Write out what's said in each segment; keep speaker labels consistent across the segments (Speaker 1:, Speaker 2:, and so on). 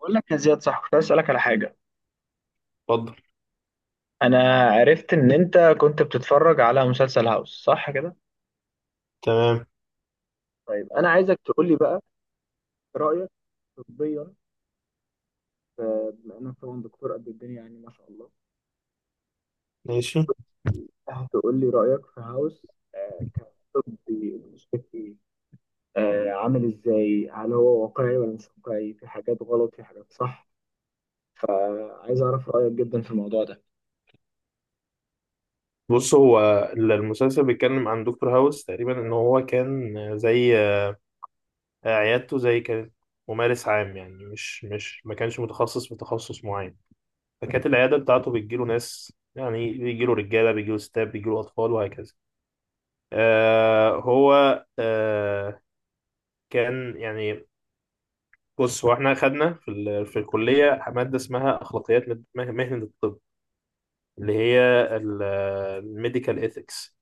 Speaker 1: بقول لك يا زياد، صح كنت عايز اسالك على حاجه.
Speaker 2: اتفضل.
Speaker 1: انا عرفت ان انت كنت بتتفرج على مسلسل هاوس، صح كده؟
Speaker 2: تمام.
Speaker 1: طيب انا عايزك تقول لي بقى رايك طبيا. بما انك طبعا دكتور قد الدنيا، يعني ما شاء الله،
Speaker 2: ماشي.
Speaker 1: هتقول لي رايك في هاوس. آه، كطبي مشكلتي. عامل ازاي؟ هل هو واقعي ولا مش واقعي؟ في حاجات غلط، في حاجات صح؟ فعايز اعرف رايك جدا في الموضوع ده.
Speaker 2: بص، هو المسلسل بيتكلم عن دكتور هاوس. تقريبا ان هو كان زي عيادته زي كانت ممارس عام. يعني مش ما كانش متخصص في تخصص معين، فكانت العياده بتاعته بتجيله ناس، يعني بيجيله رجاله بيجيله ستات بيجيله اطفال وهكذا. آه هو آه كان يعني بص هو احنا خدنا في الكليه ماده اسمها اخلاقيات مهنه الطب، اللي هي الميديكال ايثكس.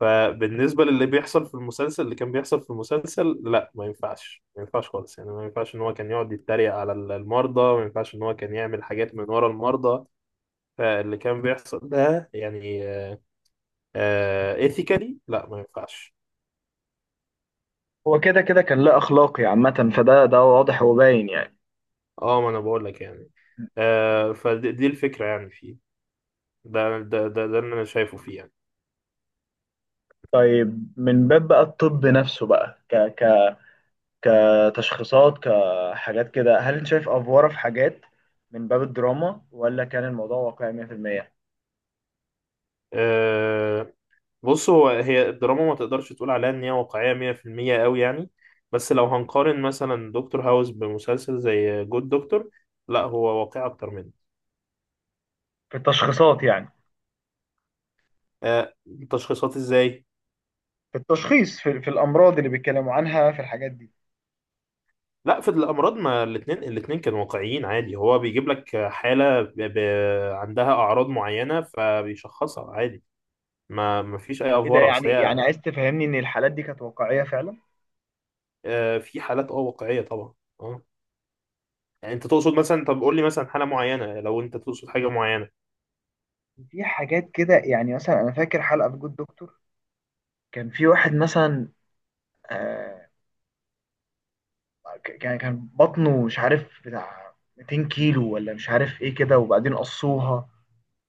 Speaker 2: فبالنسبة للي بيحصل في المسلسل، اللي كان بيحصل في المسلسل، لا ما ينفعش، ما ينفعش خالص. يعني ما ينفعش ان هو كان يقعد يتريق على المرضى، ما ينفعش ان هو كان يعمل حاجات من ورا المرضى. فاللي كان بيحصل ده يعني ايثيكالي لا، ما ينفعش.
Speaker 1: هو كده كان لا اخلاقي عامه، فده واضح وباين يعني.
Speaker 2: اه، ما انا بقول لك يعني. آه، فدي الفكرة يعني فيه. ده اللي انا شايفه فيه يعني.
Speaker 1: طيب، من باب بقى الطب نفسه بقى، ك ك كتشخيصات كحاجات كده، هل انت شايف افواره في حاجات؟ من باب الدراما ولا كان الموضوع واقعي 100% في المية؟
Speaker 2: آه، بص، هو هي الدراما ما تقدرش تقول عليها ان هي واقعية 100% قوي يعني. بس لو هنقارن مثلا دكتور هاوس بمسلسل زي جود دكتور، لا هو واقعي اكتر منه.
Speaker 1: في التشخيصات يعني،
Speaker 2: آه تشخيصات ازاي؟
Speaker 1: في التشخيص، في الامراض اللي بيتكلموا عنها، في الحاجات دي.
Speaker 2: لا في الامراض، ما الاتنين كانوا واقعيين عادي. هو بيجيب لك حالة عندها اعراض معينة فبيشخصها عادي. ما فيش اي
Speaker 1: ايه ده
Speaker 2: افوار، اصل
Speaker 1: يعني؟
Speaker 2: هي
Speaker 1: عايز تفهمني ان الحالات دي كانت واقعيه فعلا؟
Speaker 2: آه في حالات اه واقعية طبعا. اه، يعني انت تقصد مثلا، طب قول لي مثلا حالة معينة لو انت تقصد حاجة معينة.
Speaker 1: في حاجات كده يعني، مثلا انا فاكر حلقه في جود دكتور، كان في واحد مثلا، آه، كان بطنه مش عارف بتاع 200 كيلو ولا مش عارف ايه كده، وبعدين قصوها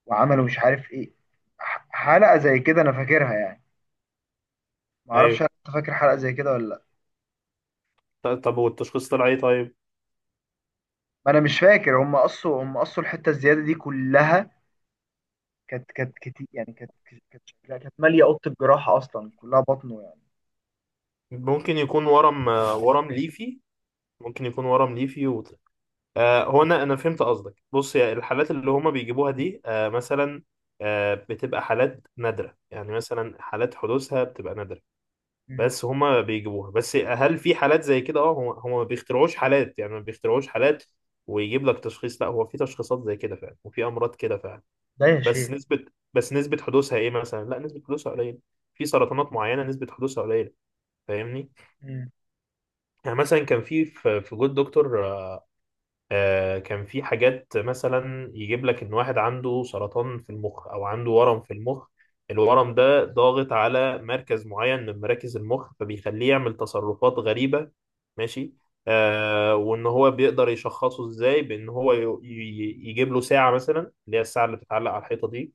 Speaker 1: وعملوا مش عارف ايه. حلقة زي كده انا فاكرها يعني. ما
Speaker 2: ايوه.
Speaker 1: اعرفش هل انت فاكر حلقة زي كده ولا لا.
Speaker 2: طب والتشخيص طلع ايه طيب؟
Speaker 1: ما انا مش فاكر، هم قصوا الحتة الزيادة دي كلها، كانت كتير يعني، كانت شكلها كانت مالية أوضة الجراحة أصلا كلها بطنه يعني.
Speaker 2: ممكن يكون ورم، ورم ليفي. ممكن يكون ورم ليفي و... آه هو انا فهمت قصدك. بص، يا الحالات اللي هما بيجيبوها دي آه مثلا آه بتبقى حالات نادرة، يعني مثلا حالات حدوثها بتبقى نادرة.
Speaker 1: مم.
Speaker 2: بس هما بيجيبوها. بس هل في حالات زي كده؟ اه، هما ما بيخترعوش حالات، يعني ما بيخترعوش حالات ويجيب لك تشخيص. لا، هو في تشخيصات زي كده فعلا، وفي امراض كده فعلا.
Speaker 1: ده يا شيخ.
Speaker 2: بس نسبة بس نسبة حدوثها ايه مثلا؟ لا، نسبة حدوثها قليلة. في سرطانات معينة نسبة حدوثها قليلة، فاهمني؟
Speaker 1: مم.
Speaker 2: يعني مثلا كان في جود دكتور كان في حاجات مثلا، يجيب لك ان واحد عنده سرطان في المخ، او عنده ورم في المخ. الورم ده ضاغط على مركز معين من مراكز المخ، فبيخليه يعمل تصرفات غريبة. ماشي. آه، وان هو بيقدر يشخصه ازاي؟ بان هو يجيب له ساعة مثلا، اللي هي الساعة اللي بتتعلق على الحيطة دي،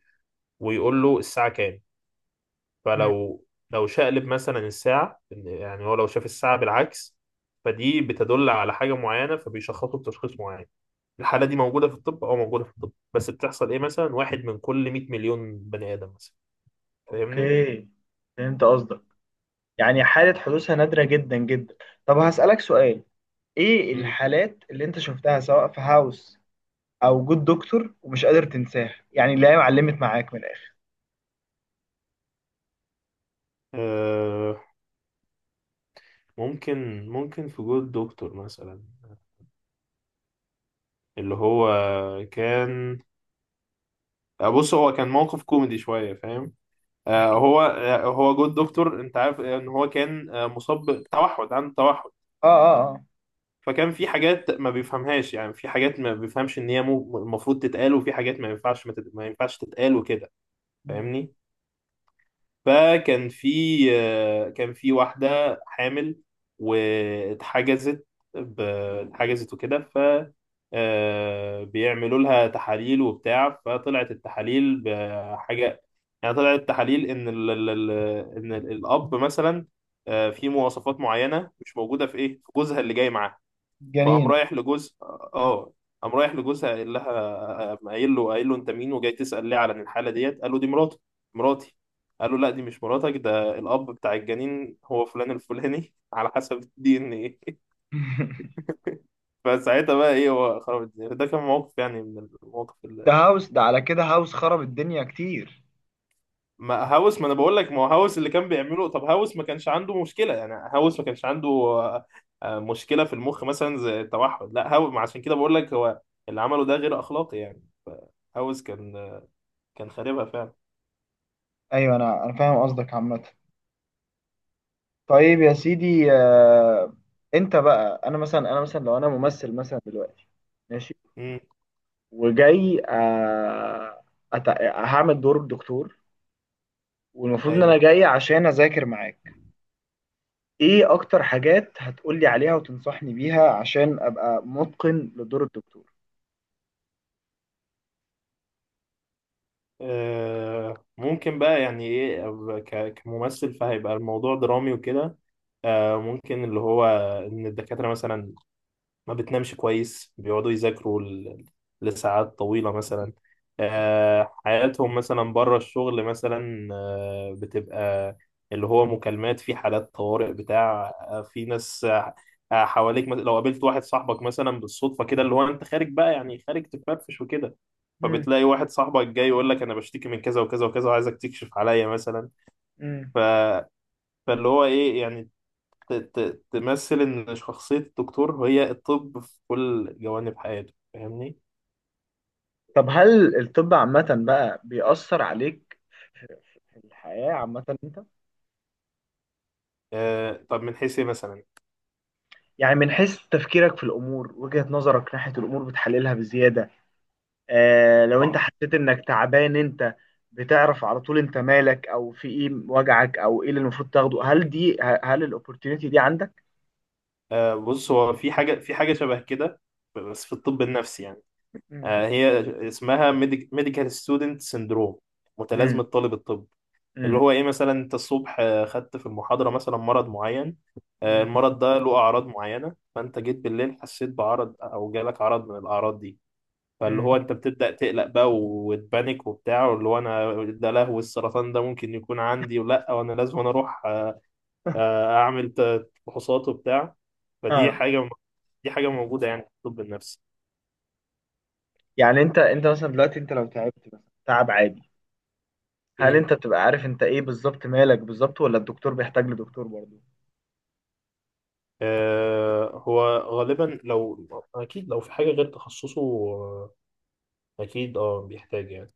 Speaker 2: ويقول له الساعة كام.
Speaker 1: مم.
Speaker 2: فلو، لو شقلب مثلا الساعة يعني هو لو شاف الساعة بالعكس، فدي بتدل على حاجة معينة، فبيشخصه بتشخيص معين. الحالة دي موجودة في الطب، أو موجودة في الطب بس بتحصل إيه، مثلا واحد من كل 100 مليون بني آدم مثلا. فاهمني؟
Speaker 1: اوكي، فهمت قصدك. يعني حالة حدوثها نادرة جدا جدا. طب هسألك سؤال: ايه
Speaker 2: مم.
Speaker 1: الحالات اللي انت شفتها، سواء في هاوس او جود دكتور، ومش قادر تنساها؟ يعني اللي هي معلمت معاك من الاخر.
Speaker 2: آه، ممكن، ممكن في جول دكتور مثلا، اللي هو كان، بص هو كان موقف كوميدي شوية، فاهم؟ آه هو آه هو جود دكتور، انت عارف ان هو كان آه مصاب بتوحد، عنده توحد.
Speaker 1: اه، اه.
Speaker 2: فكان في حاجات ما بيفهمهاش، يعني في حاجات ما بيفهمش ان هي المفروض تتقال، وفي حاجات ما ينفعش ما ينفعش تتقال وكده.
Speaker 1: مم.
Speaker 2: فاهمني؟ فكان في، كان في واحدة حامل واتحجزت، ب- اتحجزت وكده. ف بيعملوا لها تحاليل وبتاع، فطلعت التحاليل بحاجة. يعني طلعت التحاليل ان الاب مثلا في مواصفات معينة مش موجودة في ايه، في جوزها اللي جاي معاها. فقام
Speaker 1: جنينة.
Speaker 2: رايح لجوز، اه قام رايح لجوزها قايل لها، قام قايل له، قايل له انت مين، وجاي تسأل ليه على الحالة ديت؟ قال له دي مراته، مراتي. قال له لا دي مش مراتك، ده الأب بتاع الجنين هو فلان الفلاني على حسب الدي ان ايه. فساعتها بقى ايه، هو خرب الدنيا. ده كان موقف يعني من المواقف.
Speaker 1: ده هاوس، ده على كده هاوس خرب الدنيا كتير.
Speaker 2: ما هاوس، ما انا بقول لك ما هو هاوس اللي كان بيعمله. طب هاوس ما كانش عنده مشكله، يعني هاوس ما كانش عنده مشكله في المخ مثلا زي التوحد. لا، هاوس، ما عشان كده بقول لك هو اللي عمله ده غير اخلاقي يعني. هاوس كان كان خاربها فعلا.
Speaker 1: ايوه، انا فاهم قصدك عامة. طيب يا سيدي، انت بقى، انا مثلا، لو انا ممثل مثلا دلوقتي، ماشي،
Speaker 2: امم.
Speaker 1: وجاي أت... هعمل دور الدكتور، والمفروض ان
Speaker 2: ايوه.
Speaker 1: انا جاي عشان اذاكر معاك. ايه اكتر حاجات هتقولي عليها وتنصحني بيها عشان ابقى متقن لدور الدكتور؟
Speaker 2: ممكن بقى، يعني ايه، كممثل، فهيبقى الموضوع درامي وكده. ممكن اللي هو ان الدكاتره مثلا ما بتنامش كويس، بيقعدوا يذاكروا لساعات طويلة مثلا. حياتهم مثلا بره الشغل مثلا بتبقى اللي هو مكالمات في حالات طوارئ بتاع، في ناس حواليك مثلا. لو قابلت واحد صاحبك مثلا بالصدفة كده، اللي هو انت خارج بقى يعني خارج تفرفش وكده،
Speaker 1: مم.
Speaker 2: فبتلاقي واحد صاحبك جاي يقول لك انا بشتكي من كذا وكذا وكذا، وعايزك تكشف عليا مثلا.
Speaker 1: مم.
Speaker 2: ف... فاللي هو ايه يعني ت- تمثل إن شخصية الدكتور هي الطب في كل جوانب حياته. فاهمني؟
Speaker 1: طب هل الطب عامة بقى بيأثر عليك في الحياة عامة أنت؟
Speaker 2: آه، طب من حيث إيه مثلا؟
Speaker 1: يعني من حيث تفكيرك في الأمور، وجهة نظرك ناحية الأمور بتحللها بزيادة. آه، لو أنت
Speaker 2: آه
Speaker 1: حسيت إنك تعبان، أنت بتعرف على طول أنت مالك أو في إيه وجعك أو إيه اللي المفروض تاخده؟ هل دي هل الأوبورتيونيتي دي عندك؟
Speaker 2: بص، هو في حاجة، شبه كده بس في الطب النفسي يعني.
Speaker 1: مم.
Speaker 2: آه هي اسمها ميديكال ستودنت سيندروم،
Speaker 1: مم.
Speaker 2: متلازمة طالب الطب. اللي
Speaker 1: مم.
Speaker 2: هو إيه، مثلا أنت الصبح خدت في المحاضرة مثلا مرض معين، آه
Speaker 1: مم.
Speaker 2: المرض ده له أعراض معينة، فأنت جيت بالليل حسيت بعرض أو جالك عرض من الأعراض دي. فاللي
Speaker 1: مم.
Speaker 2: هو انت بتبدأ تقلق بقى وتبانك وبتاع، واللي هو انا ده لهو السرطان، ده ممكن يكون عندي، ولا وانا لازم انا اروح اعمل فحوصات وبتاع. فدي
Speaker 1: اه.
Speaker 2: حاجة، دي حاجة موجودة يعني في الطب النفسي.
Speaker 1: يعني انت، مثلا دلوقتي انت لو تعبت مثلا تعب عادي، هل
Speaker 2: امم.
Speaker 1: انت بتبقى عارف انت ايه بالظبط، مالك بالظبط، ولا الدكتور بيحتاج لدكتور برضه؟
Speaker 2: آه، هو غالبا لو، اكيد لو في حاجة غير تخصصه اكيد اه بيحتاج يعني.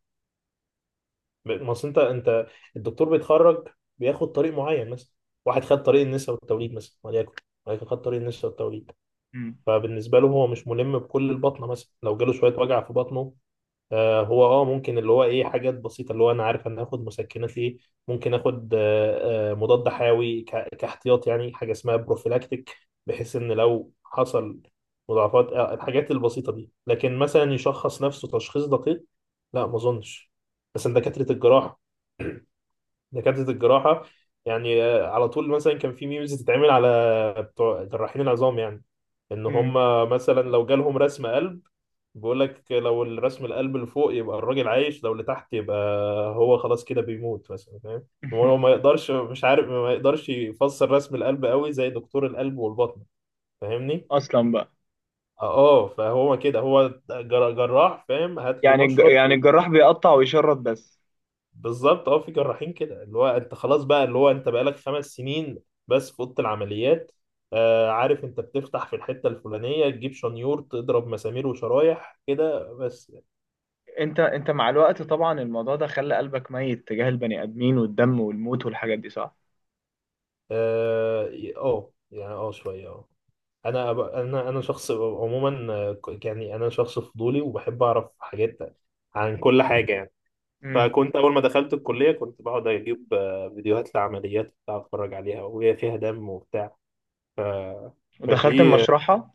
Speaker 2: ما اصل انت الدكتور بيتخرج بياخد طريق معين مثلا. واحد خد طريق النساء والتوليد مثلا وليكن، ولكن خد طريق النساء والتوليد.
Speaker 1: امم
Speaker 2: فبالنسبه له هو مش ملم بكل البطنه مثلا. لو جاله شويه وجع في بطنه، آه هو اه ممكن اللي هو ايه، حاجات بسيطه اللي هو انا عارف انا هاخد مسكنات ايه، ممكن اخد مضاد حيوي كاحتياط، يعني حاجه اسمها بروفيلاكتيك، بحيث ان لو حصل مضاعفات آه الحاجات البسيطه دي. لكن مثلا يشخص نفسه تشخيص دقيق، لا ما اظنش. بس إن دكاتره الجراحه دكاترة الجراحة، يعني على طول مثلا كان في ميمز تتعمل على بتوع جراحين العظام، يعني ان هم
Speaker 1: امم.
Speaker 2: مثلا لو جالهم رسم قلب، بيقول لك لو الرسم القلب اللي فوق يبقى الراجل عايش، لو اللي تحت يبقى هو خلاص كده بيموت مثلا، فاهم؟ هو ما يقدرش، مش عارف، ما يقدرش يفسر رسم القلب قوي زي دكتور القلب والبطن. فاهمني؟
Speaker 1: اصلا بقى.
Speaker 2: اه، فهو كده هو جراح، فاهم؟ هات لي
Speaker 1: يعني
Speaker 2: مشرط.
Speaker 1: الجراح بيقطع ويشرط بس؟
Speaker 2: بالظبط. اه في جراحين كده، اللي هو انت خلاص بقى، اللي هو انت بقالك خمس سنين بس في اوضه العمليات. آه عارف، انت بتفتح في الحته الفلانيه، تجيب شنيور، تضرب مسامير وشرايح كده بس.
Speaker 1: انت، مع الوقت طبعا الموضوع ده خلى قلبك ميت تجاه البني ادمين والدم والموت والحاجات دي، صح؟
Speaker 2: اه. اه يعني اه شويه اه. انا أب- انا انا شخص عموما، يعني انا شخص فضولي وبحب اعرف حاجات عن كل حاجه يعني.
Speaker 1: امم.
Speaker 2: فكنت اول ما دخلت الكليه كنت بقعد اجيب فيديوهات لعمليات بتاع، اتفرج عليها وهي فيها دم وبتاع. ف...
Speaker 1: ودخلت
Speaker 2: فدي،
Speaker 1: المشرحة.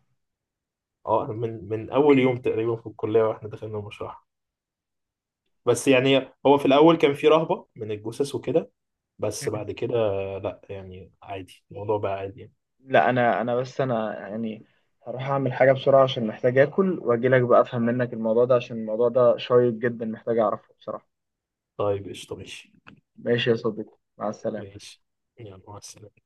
Speaker 2: اه من اول يوم تقريبا في الكليه واحنا دخلنا المشرحه. بس يعني هو في الاول كان في رهبه من الجثث وكده، بس
Speaker 1: مم.
Speaker 2: بعد كده لا يعني عادي، الموضوع بقى عادي يعني.
Speaker 1: لا، انا، بس انا يعني هروح اعمل حاجة بسرعة عشان محتاج اكل، واجي لك بقى افهم منك الموضوع ده، عشان الموضوع ده شيق جدا، محتاج اعرفه بصراحة.
Speaker 2: طيب قشطه، ماشي.
Speaker 1: ماشي يا صديقي، مع السلامة.
Speaker 2: ماشي. يلا مع السلامه.